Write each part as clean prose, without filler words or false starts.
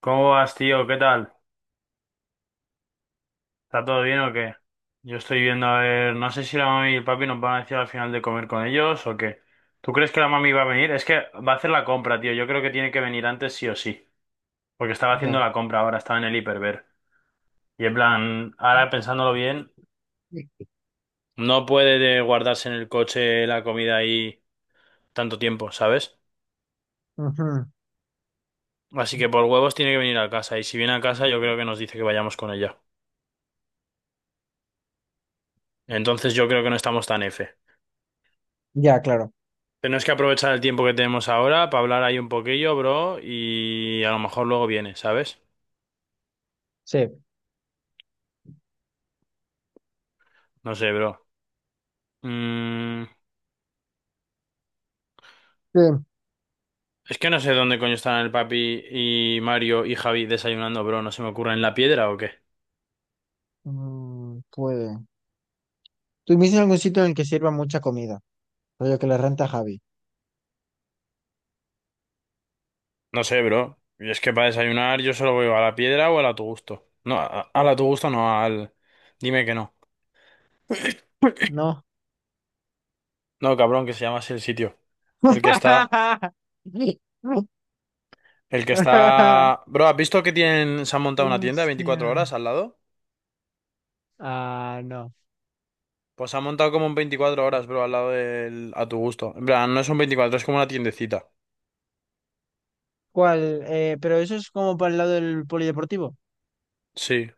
¿Cómo vas, tío? ¿Qué tal? ¿Está todo bien o qué? Yo estoy viendo, a ver, no sé si la mami y el papi nos van a decir al final de comer con ellos o qué. ¿Tú crees que la mami va a venir? Es que va a hacer la compra, tío. Yo creo que tiene que venir antes sí o sí. Porque estaba haciendo Ya. la compra ahora, estaba en el hiperver. Y en plan, ahora pensándolo bien, Sí. no puede de guardarse en el coche la comida ahí tanto tiempo, ¿sabes? Ujú, Así que por huevos tiene que venir a casa. Y si viene a casa, sí. yo creo que nos dice que vayamos con ella. Entonces yo creo que no estamos tan F. Ya, claro. Tenemos que aprovechar el tiempo que tenemos ahora para hablar ahí un poquillo, bro, y a lo mejor luego viene, ¿sabes? Sí. No sé, bro. Mm, Sí. es que no sé dónde coño están el papi y Mario y Javi desayunando, bro. ¿No se me ocurre en la piedra o qué? Mm, puede. ¿Tú viste algún sitio en el que sirva mucha comida? Rollo que le renta a Javi. No sé, bro. Y es que para desayunar yo solo voy a la piedra o al a tu gusto. No, a, al a la tu gusto no, al... Dime que no. No. No, cabrón, que se llama así el sitio. El que está... El que está... Bro, ¿has visto que tienen... se han montado una tienda 24 Hostia. horas al lado? Ah, no. Pues ha montado como un 24 horas, bro, al lado del... a tu gusto. En plan, no son 24, es como una tiendecita. ¿Cuál? Pero eso es como para el lado del polideportivo. Sí.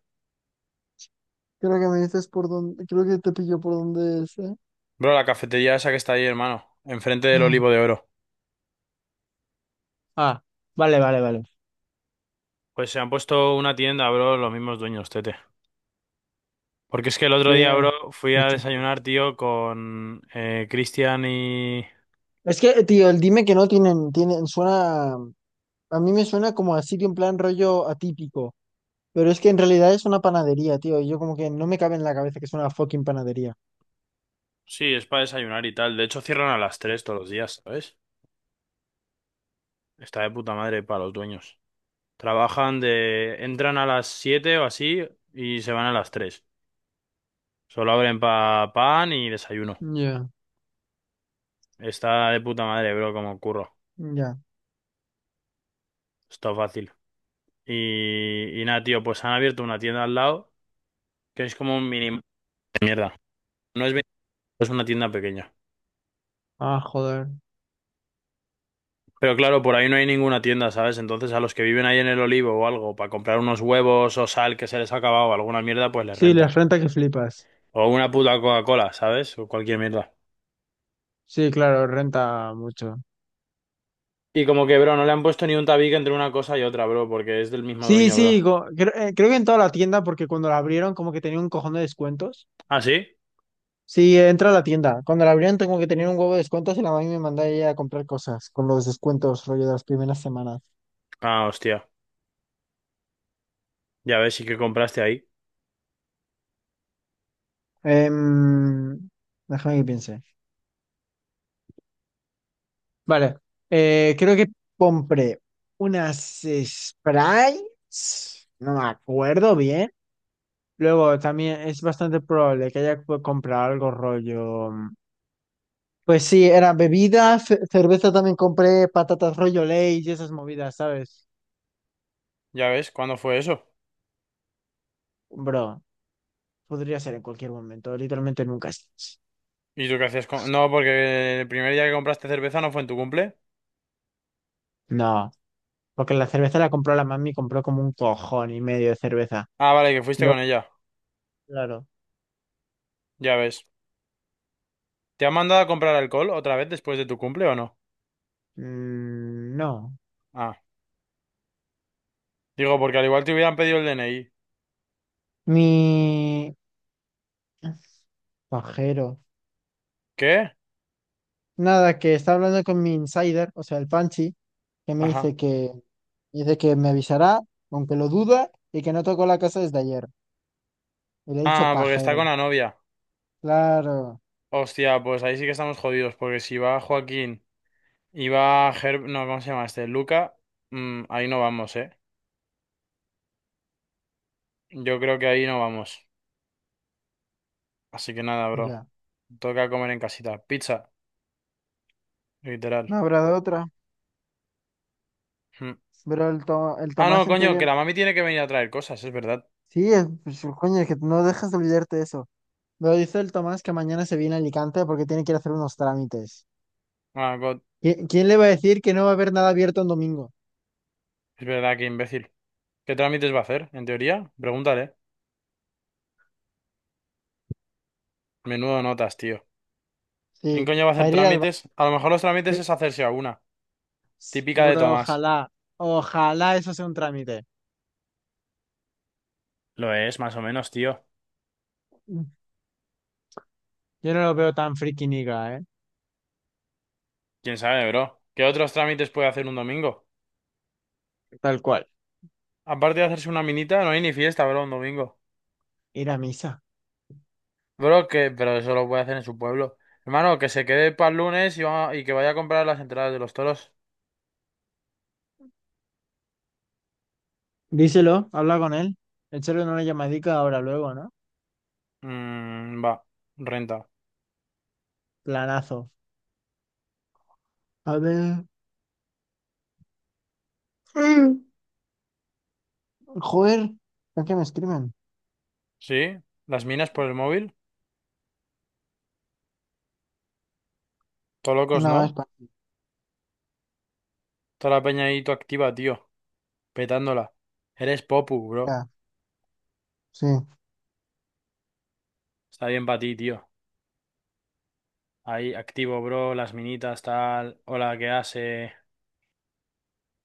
Creo que me dices por dónde, creo que te pilló por dónde es, ¿eh? Bro, la cafetería esa que está ahí, hermano. Enfrente del Ah, Olivo de Oro. ah, vale, vale, vale. Pues se han puesto una tienda, bro, los mismos dueños, tete. Porque es que el otro día, Qué- bro, fui Qué a cheto. desayunar, tío, con Cristian y... Es que, tío, el dime que no tienen, tienen, suena. A mí me suena como a sitio en plan rollo atípico, pero es que en realidad es una panadería, tío. Y yo como que no me cabe en la cabeza que es una fucking panadería. Sí, es para desayunar y tal. De hecho, cierran a las 3 todos los días, ¿sabes? Está de puta madre para los dueños. Trabajan de... Entran a las 7 o así y se van a las 3. Solo abren pa pan y desayuno. Ya. Está de puta madre, bro, como curro. Ya. Está fácil. Y nada, tío, pues han abierto una tienda al lado que es como un mini de mierda. No es, es una tienda pequeña. Ah, joder. Pero claro, por ahí no hay ninguna tienda, ¿sabes? Entonces a los que viven ahí en el Olivo o algo, para comprar unos huevos o sal que se les ha acabado, alguna mierda, pues les Sí, renta. las renta que flipas. O una puta Coca-Cola, ¿sabes? O cualquier mierda. Sí, claro, renta mucho. Y como que, bro, no le han puesto ni un tabique entre una cosa y otra, bro, porque es del mismo Sí, dueño, sí, bro. Creo que en toda la tienda, porque cuando la abrieron como que tenía un cojón de descuentos. ¿Ah, sí? Sí, entra a la tienda. Cuando la abrieron tengo que tener un huevo de descuentos y la mami me manda ella a comprar cosas con los descuentos rollo de las primeras semanas. Ah, hostia. Ya ves, sí que compraste ahí. Em, Déjame que piense. Vale, creo que compré unas Sprites, no me acuerdo bien. Luego también es bastante probable que haya comprado algo rollo. Pues sí, era bebida, cerveza también compré, patatas rollo ley y esas movidas, ¿sabes? Ya ves, ¿cuándo fue eso? Bro, podría ser en cualquier momento, literalmente nunca es. ¿Y tú qué hacías con...? No, porque el primer día que compraste cerveza no fue en tu cumple. No, porque la cerveza la compró la mami, compró como un cojón y medio de cerveza. Ah, vale, que fuiste Luego, con ella. claro, Ya ves. ¿Te han mandado a comprar alcohol otra vez después de tu cumple o no? mm, no. Ah. Digo, porque al igual te hubieran pedido el DNI. Mi, pajero. ¿Qué? Nada, que está hablando con mi insider, o sea, el Panchi, que me Ajá. Dice que me avisará, aunque lo duda, y que no tocó la casa desde ayer. Y le he dicho Ah, porque está con pajero. la novia. Claro, Hostia, pues ahí sí que estamos jodidos, porque si va Joaquín y va Herb... No, ¿cómo se llama este? Luca. Ahí no vamos, ¿eh? Yo creo que ahí no vamos. Así que nada, bro. ya. Toca comer en casita. Pizza, literal. No habrá de otra. Mm. Pero el, el Ah, no, Tomás en coño, que teoría... la mami tiene que venir a traer cosas, es verdad. Sí, es, pues, coño, es que no dejas de olvidarte de eso. Pero dice el Tomás que mañana se viene a Alicante porque tiene que ir a hacer unos trámites. Ah, God, ¿Quién le va a decir que no va a haber nada abierto en domingo? es verdad, que imbécil. ¿Qué trámites va a hacer, en teoría? Pregúntale. Menudo notas, tío. ¿Quién Sí, coño va a para hacer ir al bar. trámites? A lo mejor los trámites es hacerse a una. Típica de Bro, Tomás. ojalá, ojalá eso sea un trámite. Lo es, más o menos, tío. Yo no lo veo tan friki niga, ¿eh? ¿Quién sabe, bro? ¿Qué otros trámites puede hacer un domingo? Tal cual. Aparte de hacerse una minita, no hay ni fiesta, bro, un domingo. Ir a misa. Bro, que... Pero eso lo puede hacer en su pueblo. Hermano, que se quede para el lunes y, y que vaya a comprar las entradas de los toros. Díselo, habla con él. Échale una llamadica ahora, luego, ¿no? Mmm, va. Renta. Planazo. A ver. Mm. Joder, ¿a qué me escriben? ¿Sí? ¿Las minas por el móvil? Todo locos, No, es ¿no? para... Toda la peña ahí, tú activa, tío. Petándola. Eres Popu, bro. Ya, sí. Está bien para ti, tío. Ahí, activo, bro. Las minitas, tal. Hola, ¿qué hace?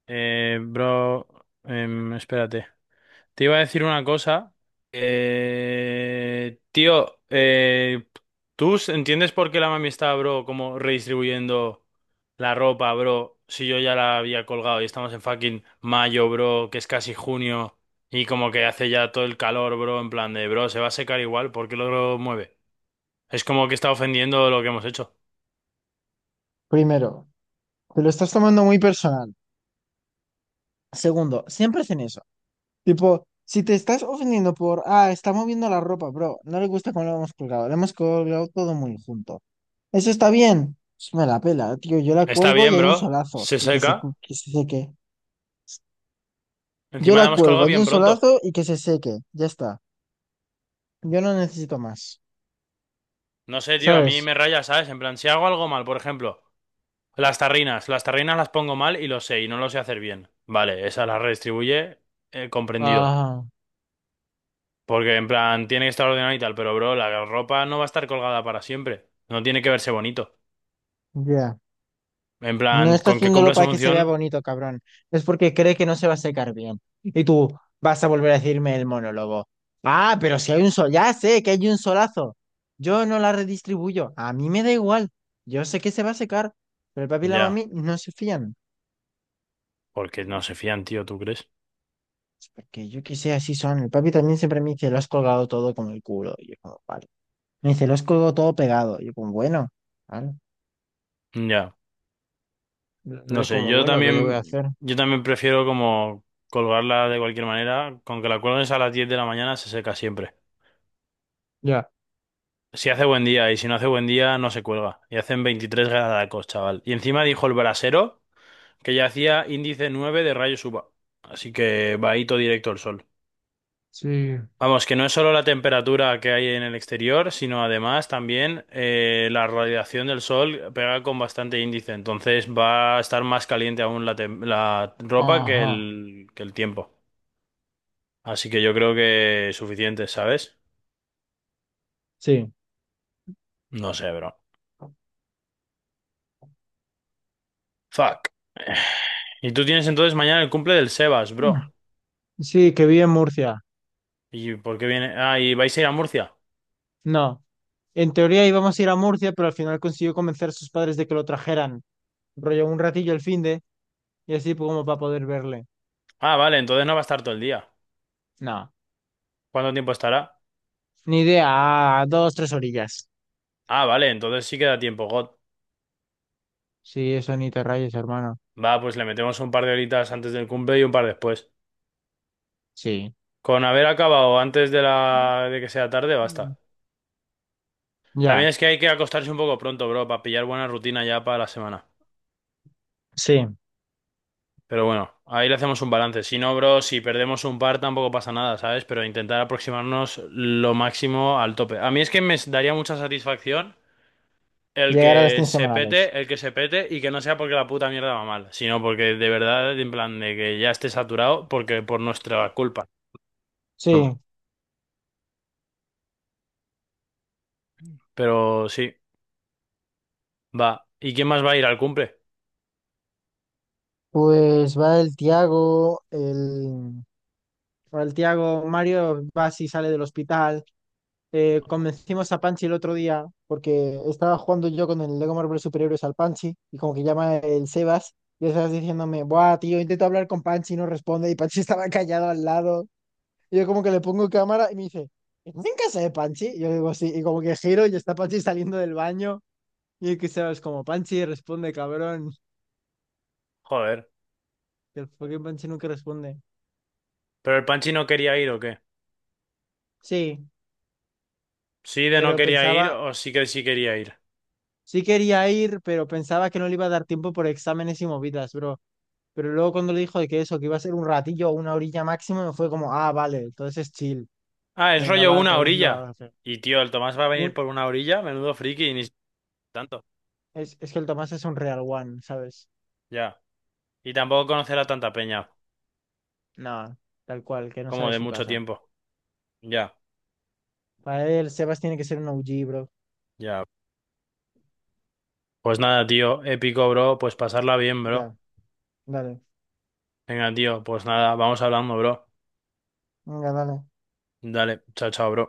Bro. Espérate. Te iba a decir una cosa. Tío, ¿tú entiendes por qué la mami está, bro, como redistribuyendo la ropa, bro? Si yo ya la había colgado y estamos en fucking mayo, bro, que es casi junio y como que hace ya todo el calor, bro, en plan de, bro, se va a secar igual, ¿por qué lo mueve? Es como que está ofendiendo lo que hemos hecho. Primero, te lo estás tomando muy personal. Segundo, siempre hacen eso. Tipo, si te estás ofendiendo por, ah, está moviendo la ropa, bro, no le gusta cómo lo hemos colgado todo muy junto. Eso está bien. Pues me la pela, tío. Yo la Está cuelgo y bien, hay un bro. solazo Se y que se, seca. Que se seque. Yo Encima la la hemos cuelgo, colgado hay un bien pronto. solazo y que se seque. Ya está. Yo no necesito más. No sé, tío, a mí ¿Sabes? me raya, ¿sabes? En plan, si hago algo mal, por ejemplo, las tarrinas. Las tarrinas las pongo mal y lo sé, y no lo sé hacer bien. Vale, esa la redistribuye, comprendido. Ah, Porque en plan, tiene que estar ordenado y tal, pero bro, la ropa no va a estar colgada para siempre. No tiene que verse bonito. ya. En plan, No está con que haciéndolo cumpla su para que se función, vea bonito, cabrón. Es porque cree que no se va a secar bien. Y tú vas a volver a decirme el monólogo. Ah, pero si hay un sol, ya sé que hay un solazo. Yo no la redistribuyo. A mí me da igual. Yo sé que se va a secar, pero el papi y la ya. mami no se fían. Porque no se fían, tío, ¿tú crees? Es porque yo que sé, así son. El papi también siempre me dice, lo has colgado todo como el culo. Y yo como, vale. Me dice, lo has colgado todo pegado. Y yo como, bueno, vale. Ya. No Yo sé, como, yo bueno, ¿qué le voy a también, hacer? yo también prefiero como colgarla de cualquier manera. Con que la cuelgues a las 10 de la mañana se seca siempre. Ya, Si hace buen día y si no hace buen día no se cuelga. Y hacen 23 grados, chaval. Y encima dijo el brasero que ya hacía índice 9 de rayos UVA. Así que va ahí todo directo al sol. sí. Vamos, que no es solo la temperatura que hay en el exterior, sino además también la radiación del sol pega con bastante índice. Entonces va a estar más caliente aún la, la ropa Ajá, que el tiempo. Así que yo creo que suficiente, ¿sabes? sí. No sé, bro. Fuck. Y tú tienes entonces mañana el cumple del Sebas, bro. Sí, que vive en Murcia. ¿Y por qué viene? Ah, ¿y vais a ir a Murcia? No. En teoría íbamos a ir a Murcia, pero al final consiguió convencer a sus padres de que lo trajeran. Rollo un ratillo el finde y así como para poder verle. Ah, vale, entonces no va a estar todo el día. No. ¿Cuánto tiempo estará? Ni idea. A dos, tres orillas. Ah, vale, entonces sí queda tiempo, God. Sí, eso ni te rayes, hermano. Va, pues le metemos un par de horitas antes del cumple y un par después. Sí. Con haber acabado antes de la de que sea tarde, Mm. basta. También Ya. es que hay que acostarse un poco pronto, bro, para pillar buena rutina ya para la semana. Sí. Pero bueno, ahí le hacemos un balance. Si no, bro, si perdemos un par tampoco pasa nada, ¿sabes? Pero intentar aproximarnos lo máximo al tope. A mí es que me daría mucha satisfacción el Llegar a las que 100 se semanales. pete, el que se pete y que no sea porque la puta mierda va mal, sino porque de verdad, en plan de que ya esté saturado, porque por nuestra culpa. Broma. Sí. Pero sí, va. ¿Y quién más va a ir al cumple? Pues va el Tiago, el... Va el Tiago, Mario va si sale del hospital. Convencimos a Panchi el otro día porque estaba jugando yo con el Lego Marvel Superhéroes al Panchi y como que llama el Sebas y el Sebas diciéndome, buah, tío, intento hablar con Panchi y no responde y Panchi estaba callado al lado. Y yo como que le pongo cámara y me dice, ¿estás en casa de Panchi? Y yo le digo, sí, y como que giro y está Panchi saliendo del baño y el que Sebas como, Panchi, responde, cabrón. Joder. Que el fucking Panchi nunca responde. ¿Pero el Panchi no quería ir o qué? Sí, ¿Sí de no pero quería ir pensaba, o sí que sí quería ir? sí quería ir, pero pensaba que no le iba a dar tiempo por exámenes y movidas, bro. Pero luego cuando le dijo de que eso, que iba a ser un ratillo o una orilla máximo, me fue como, ah, vale, entonces es chill. Ah, es Venga, rollo va, una tal vez lo orilla. haga. Pero Y tío, el Tomás va a venir un, por una orilla, menudo friki, y ni tanto. Es que el Tomás es un real one, ¿sabes? Ya. Y tampoco conocerá tanta peña, No, tal cual, que no sale como de de su mucho casa. tiempo. Ya, Para él, Sebas tiene que ser un OG, bro. ya. Pues nada, tío, épico, bro. Pues pasarla bien, bro. Ya, dale. Venga, tío, pues nada, vamos hablando, bro. Venga, dale. Dale, chao, chao, bro.